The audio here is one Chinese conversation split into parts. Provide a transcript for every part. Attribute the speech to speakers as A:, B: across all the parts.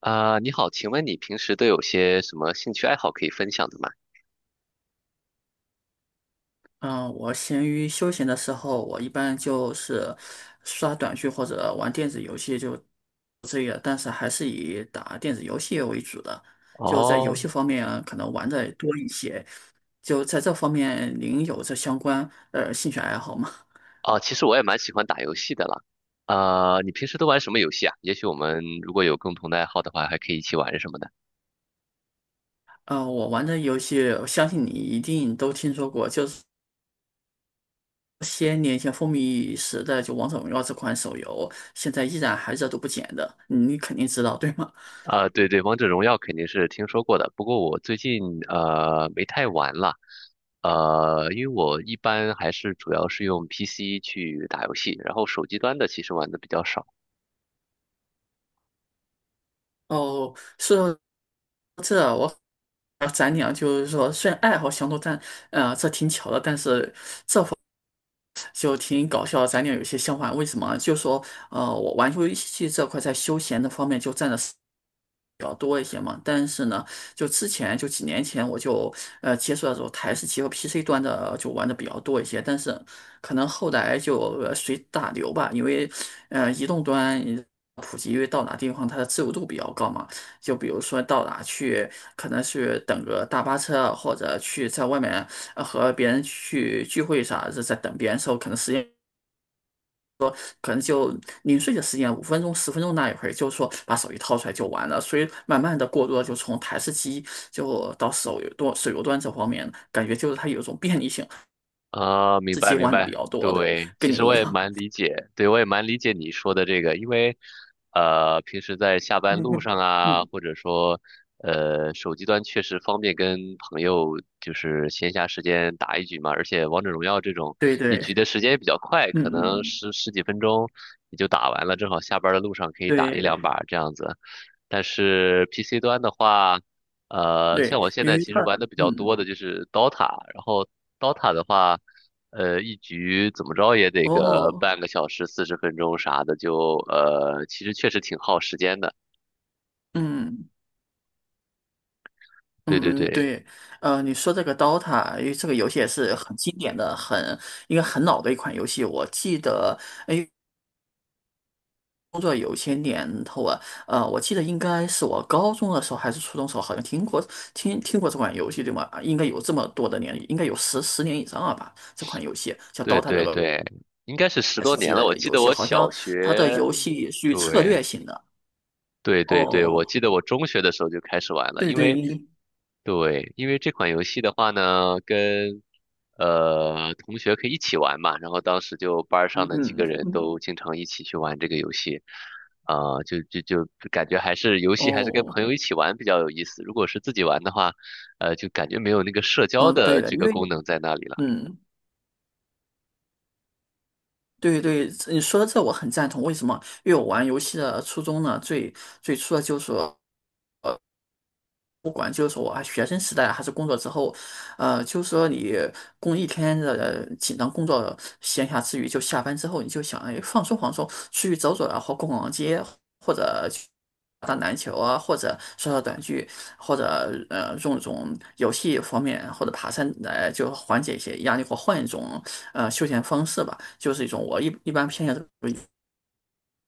A: 啊，你好，请问你平时都有些什么兴趣爱好可以分享的吗？
B: 嗯，我闲鱼休闲的时候，我一般就是刷短剧或者玩电子游戏就这个，但是还是以打电子游戏为主的。就在游
A: 哦，
B: 戏方面，可能玩的多一些。就在这方面，您有这相关兴趣爱好吗？
A: 哦，其实我也蛮喜欢打游戏的啦。啊，你平时都玩什么游戏啊？也许我们如果有共同的爱好的话，还可以一起玩什么的。
B: 我玩的游戏，我相信你一定都听说过，就是些年前风靡一时的就《王者荣耀》这款手游，现在依然还热度不减的，你肯定知道，对吗？
A: 啊，对对，王者荣耀肯定是听说过的，不过我最近没太玩了。因为我一般还是主要是用 PC 去打游戏，然后手机端的其实玩的比较少。
B: 哦，是这我。啊，咱俩就是说，虽然爱好相同，但这挺巧的，但是就挺搞笑的咱俩有些相反，为什么？就说我玩游戏这块在休闲的方面就占了，比较多一些嘛，但是呢，就之前就几年前我就接触到这种台式机和 PC 端的就玩的比较多一些，但是可能后来就随大流吧，因为移动端普及，因为到哪地方它的自由度比较高嘛，就比如说到哪去，可能是等个大巴车或者去在外面和别人去聚会啥，是在等别人的时候，可能时间说可能就零碎的时间，五分钟、十分钟那一会儿，就是说把手机掏出来就完了。所以慢慢的过渡了就从台式机就到手游端这方面，感觉就是它有一种便利性，
A: 啊，明
B: 是机
A: 白明
B: 玩的比
A: 白，
B: 较多的，
A: 对，其
B: 跟你
A: 实
B: 一
A: 我也
B: 样。
A: 蛮理解，对我也蛮理解你说的这个，因为平时在下班路 上啊，
B: 嗯，
A: 或者说手机端确实方便跟朋友就是闲暇时间打一局嘛，而且王者荣耀这种
B: 对
A: 一
B: 对，
A: 局的时间也比较快，
B: 嗯
A: 可能
B: 嗯，
A: 十几分钟你就打完了，正好下班的路上可以打一
B: 对
A: 两把这样子。但是 PC 端的话，
B: 对，
A: 像我现
B: 因
A: 在
B: 为
A: 其
B: 它，
A: 实玩的比较
B: 嗯，
A: 多的就是 DOTA,然后 DOTA 的话，一局怎么着也得个
B: 哦，
A: 半个小时、40分钟啥的，其实确实挺耗时间的。
B: 嗯
A: 对对
B: 嗯嗯，
A: 对
B: 对，你说这个 DOTA，因为这个游戏也是很经典的，很应该很老的一款游戏。我记得，哎，工作有些年头啊，我记得应该是我高中的时候还是初中的时候，好像听过听过这款游戏对吗？应该有这么多的年，应该有十年以上了吧？这款游戏叫
A: 对
B: 《Dota》的
A: 对对，应该是十多
B: S 级
A: 年了。我
B: 的
A: 记
B: 游
A: 得
B: 戏，
A: 我
B: 好
A: 小
B: 像它的
A: 学，
B: 游戏属于策
A: 对
B: 略型的。
A: 对对对，我
B: 哦，
A: 记得我中学的时候就开始玩了，
B: 对
A: 因
B: 对，
A: 为
B: 应
A: 对，因为这款游戏的话呢，跟同学可以一起玩嘛，然后当时就班儿
B: 嗯
A: 上的几
B: 嗯
A: 个人
B: 嗯，
A: 都经常一起去玩这个游戏，啊、就感觉还是游戏还是跟
B: 哦，
A: 朋友一起玩比较有意思，如果是自己玩的话，就感觉没有那个社交
B: 嗯，对
A: 的
B: 的，
A: 这
B: 因
A: 个
B: 为
A: 功能在那里了。
B: 嗯。对对，你说的这我很赞同。为什么？因为我玩游戏的初衷呢，最初的就是。不管就是说啊，学生时代还是工作之后，就是说你工一天的紧张工作，闲暇之余就下班之后，你就想哎放松放松，出去走走啊，或逛逛街，或者去打篮球啊，或者刷刷短剧，或者用一种游戏方面或者爬山来就缓解一些压力，或换一种休闲方式吧，就是一种我一般偏向于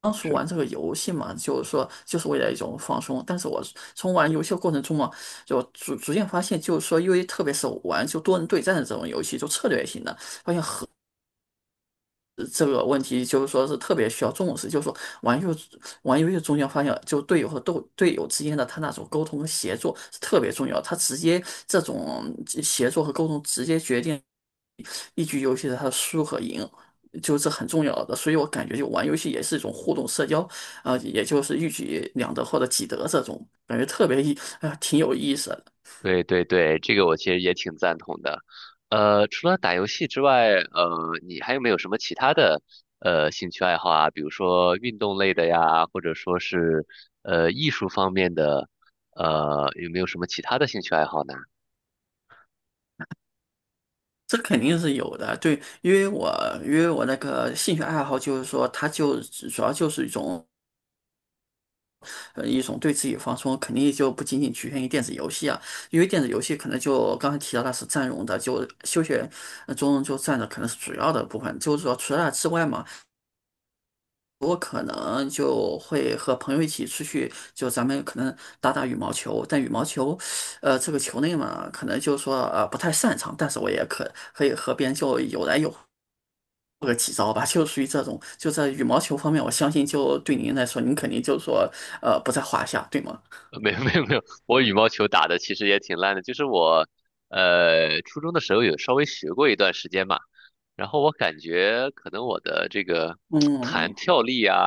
B: 当时
A: 是。
B: 玩这个游戏嘛，就是说就是为了一种放松。但是我从玩游戏的过程中嘛，就逐渐发现，就是说，因为特别是玩就多人对战的这种游戏，就策略型的，发现这个问题就是说是特别需要重视，就是说玩游玩游戏中间发现，就队友和斗队友之间的他那种沟通和协作是特别重要，他直接这种协作和沟通直接决定一局游戏的他的输和赢，就这很重要的。所以我感觉就玩游戏也是一种互动社交啊，也就是一举两得或者几得这种，感觉特别意啊挺有意思的。
A: 对对对，这个我其实也挺赞同的。除了打游戏之外，你还有没有什么其他的兴趣爱好啊？比如说运动类的呀，或者说是艺术方面的，有没有什么其他的兴趣爱好呢？
B: 这肯定是有的，对，因为我那个兴趣爱好就是说，它就主要就是一种一种对自己放松，肯定就不仅仅局限于电子游戏啊，因为电子游戏可能就刚才提到它是占用的，就休闲中就占的可能是主要的部分，就是说除了它之外嘛，我可能就会和朋友一起出去，就咱们可能打打羽毛球，但羽毛球，这个球类嘛，可能就是说不太擅长，但是我也可以和别人就有来有，或者几招吧，就属于这种，就在羽毛球方面，我相信就对您来说，您肯定就是说，不在话下，对吗？
A: 没有没有没有，我羽毛球打的其实也挺烂的，就是我初中的时候有稍微学过一段时间嘛，然后我感觉可能我的这个弹
B: 嗯，
A: 跳力啊，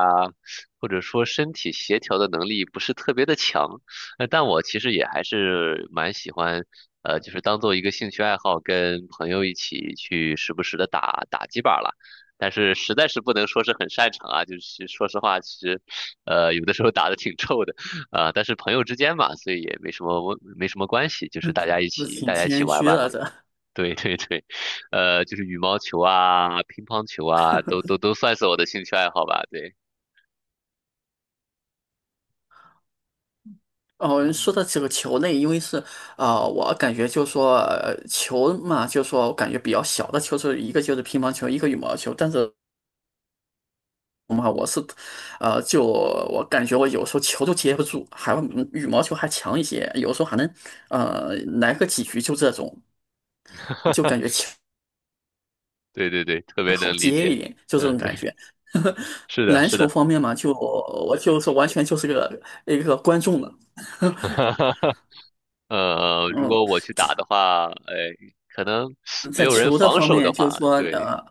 A: 或者说身体协调的能力不是特别的强，但我其实也还是蛮喜欢，就是当做一个兴趣爱好，跟朋友一起去时不时的打打几把了。但是实在是不能说是很擅长啊，就是说实话，其实，有的时候打的挺臭的，但是朋友之间嘛，所以也没什么关系，就是大家一
B: 是
A: 起
B: 挺
A: 大家一起
B: 谦
A: 玩
B: 虚
A: 玩
B: 了
A: 嘛。
B: 的。
A: 对对对，就是羽毛球啊、乒乓球啊，都算是我的兴趣爱好吧。对，
B: 哦，说到这个球类，因为是啊、我感觉就说、球嘛，就说我感觉比较小的球，是一个就是乒乓球，一个羽毛球。但是嘛，我是就我感觉我有时候球都接不住，还有嗯羽毛球还强一些，有时候还能呃来个几局就这种，就感觉 球
A: 对对对，特
B: 会
A: 别能
B: 好
A: 理
B: 接
A: 解。
B: 一点，就这
A: 嗯，
B: 种
A: 对，
B: 感觉。
A: 是的，
B: 篮
A: 是
B: 球
A: 的。
B: 方面嘛，就我就是完全就是个一个观众了。
A: 如
B: 嗯。
A: 果我去打的话，哎，可能没
B: 在
A: 有人
B: 球的
A: 防
B: 方
A: 守的
B: 面，就
A: 话，
B: 是说，
A: 对，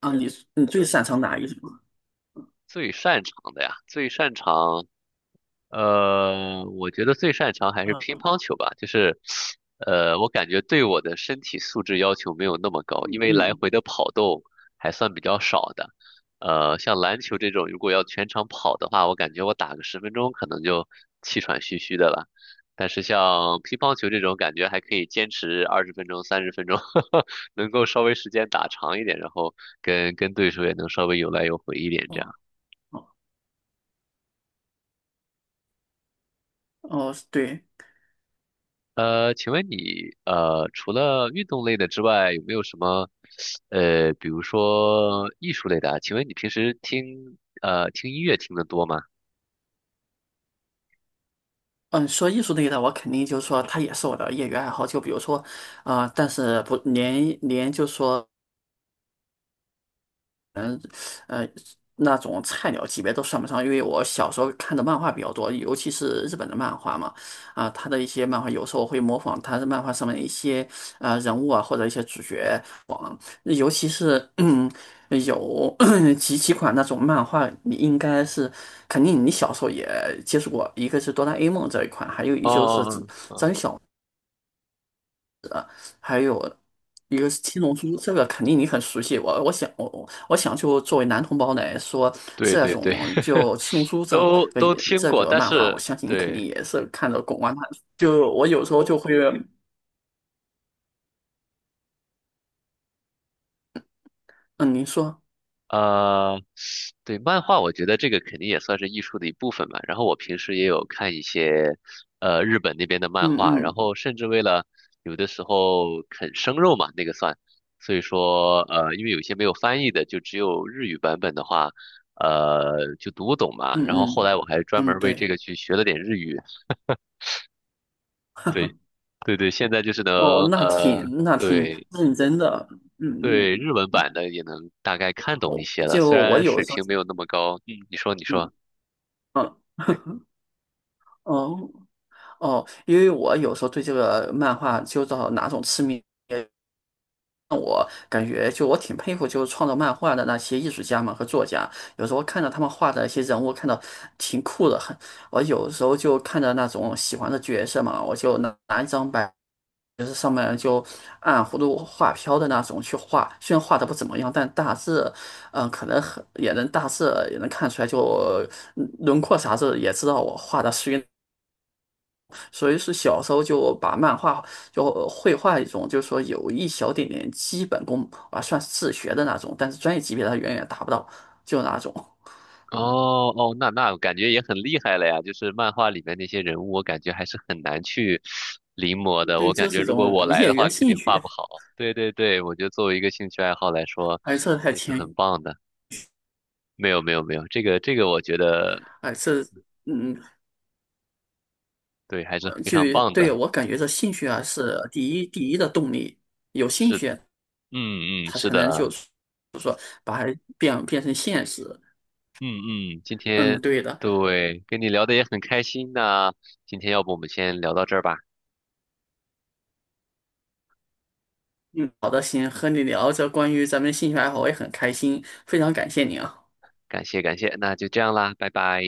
B: 啊，你最擅长哪一种？
A: 最擅长的呀，最擅长。我觉得最擅长还是乒
B: 嗯
A: 乓球吧，就是，我感觉对我的身体素质要求没有那么高，因为来
B: 嗯，
A: 回的跑动还算比较少的。像篮球这种，如果要全场跑的话，我感觉我打个十分钟可能就气喘吁吁的了。但是像乒乓球这种，感觉还可以坚持20分钟、30分钟，能够稍微时间打长一点，然后跟对手也能稍微有来有回一点
B: 哦
A: 这样。
B: 哦哦，对，
A: 请问你除了运动类的之外，有没有什么比如说艺术类的啊？请问你平时听音乐听得多吗？
B: 嗯，说艺术类的，我肯定就是说，它也是我的业余爱好。就比如说，啊、但是不连连就是说，嗯呃那种菜鸟级别都算不上，因为我小时候看的漫画比较多，尤其是日本的漫画嘛，啊，他的一些漫画有时候会模仿他的漫画上面一些啊人物啊或者一些主角网，尤其是嗯有 几款那种漫画，你应该是肯定你小时候也接触过，一个是哆啦 A 梦这一款，还有
A: 哦
B: 一就是
A: 哦哦，哦
B: 还有一个是七龙珠，这个肯定你很熟悉。我想就作为男同胞来说，
A: 对
B: 这
A: 对对，
B: 种 就七龙珠这个
A: 都听
B: 这
A: 过，
B: 个
A: 但
B: 漫画，我
A: 是
B: 相信你肯定
A: 对
B: 也是看的滚瓜烂熟。就我有时候就会，嗯，您说，
A: 呃，对，漫画我觉得这个肯定也算是艺术的一部分嘛。然后我平时也有看一些日本那边的漫
B: 嗯
A: 画，然
B: 嗯
A: 后甚至为了有的时候啃生肉嘛，那个算，所以说因为有一些没有翻译的，就只有日语版本的话，就读不懂嘛。
B: 嗯
A: 然后后
B: 嗯
A: 来我还专
B: 嗯，
A: 门为这
B: 对，
A: 个去学了点日语，对，对对，现在就是能
B: 哦，那
A: 呃，
B: 挺那挺
A: 对。
B: 认真的，嗯嗯，
A: 对日文版的也能大概看懂一
B: 我
A: 些了，
B: 就
A: 虽
B: 我
A: 然
B: 有
A: 水
B: 时候，
A: 平没有那么高。嗯你说，你
B: 嗯
A: 说。
B: 嗯。哦哦，因为我有时候对这个漫画就到哪种痴迷，我感觉就我挺佩服，就是创作漫画的那些艺术家们和作家。有时候看到他们画的一些人物，看到挺酷的，很。我有时候就看着那种喜欢的角色嘛，我就拿一张白，就是上面就按葫芦画瓢的那种去画。虽然画的不怎么样，但大致，嗯，可能很也能大致也能看出来就，嗯轮廓啥子也知道我画的属于所以是小时候就把漫画就绘画一种，就是说有一小点点基本功啊，算自学的那种，但是专业级别它远远达不到，就那种。
A: 哦哦，那感觉也很厉害了呀！就是漫画里面那些人物，我感觉还是很难去临摹的。
B: 对，
A: 我感
B: 就
A: 觉
B: 是一
A: 如果
B: 种
A: 我来
B: 业
A: 的
B: 余
A: 话，
B: 的
A: 肯定
B: 兴
A: 画
B: 趣，
A: 不好。对对对，我觉得作为一个兴趣爱好来说，
B: 而这太
A: 也是
B: 浅，
A: 很棒的。没有没有没有，这个我觉得
B: 哎，这嗯，
A: 对，还是非
B: 就
A: 常棒的。
B: 对我感觉这兴趣啊是第一的动力，有兴
A: 是，
B: 趣
A: 嗯嗯，
B: 他
A: 是
B: 才能就
A: 的，
B: 是说把它变成现实。
A: 嗯嗯，今
B: 嗯，
A: 天
B: 对的，
A: 对跟你聊的也很开心那今天要不我们先聊到这儿吧，
B: 嗯，好的，行，和你聊这关于咱们兴趣爱好，我也很开心，非常感谢你啊。
A: 感谢感谢，那就这样啦，拜拜。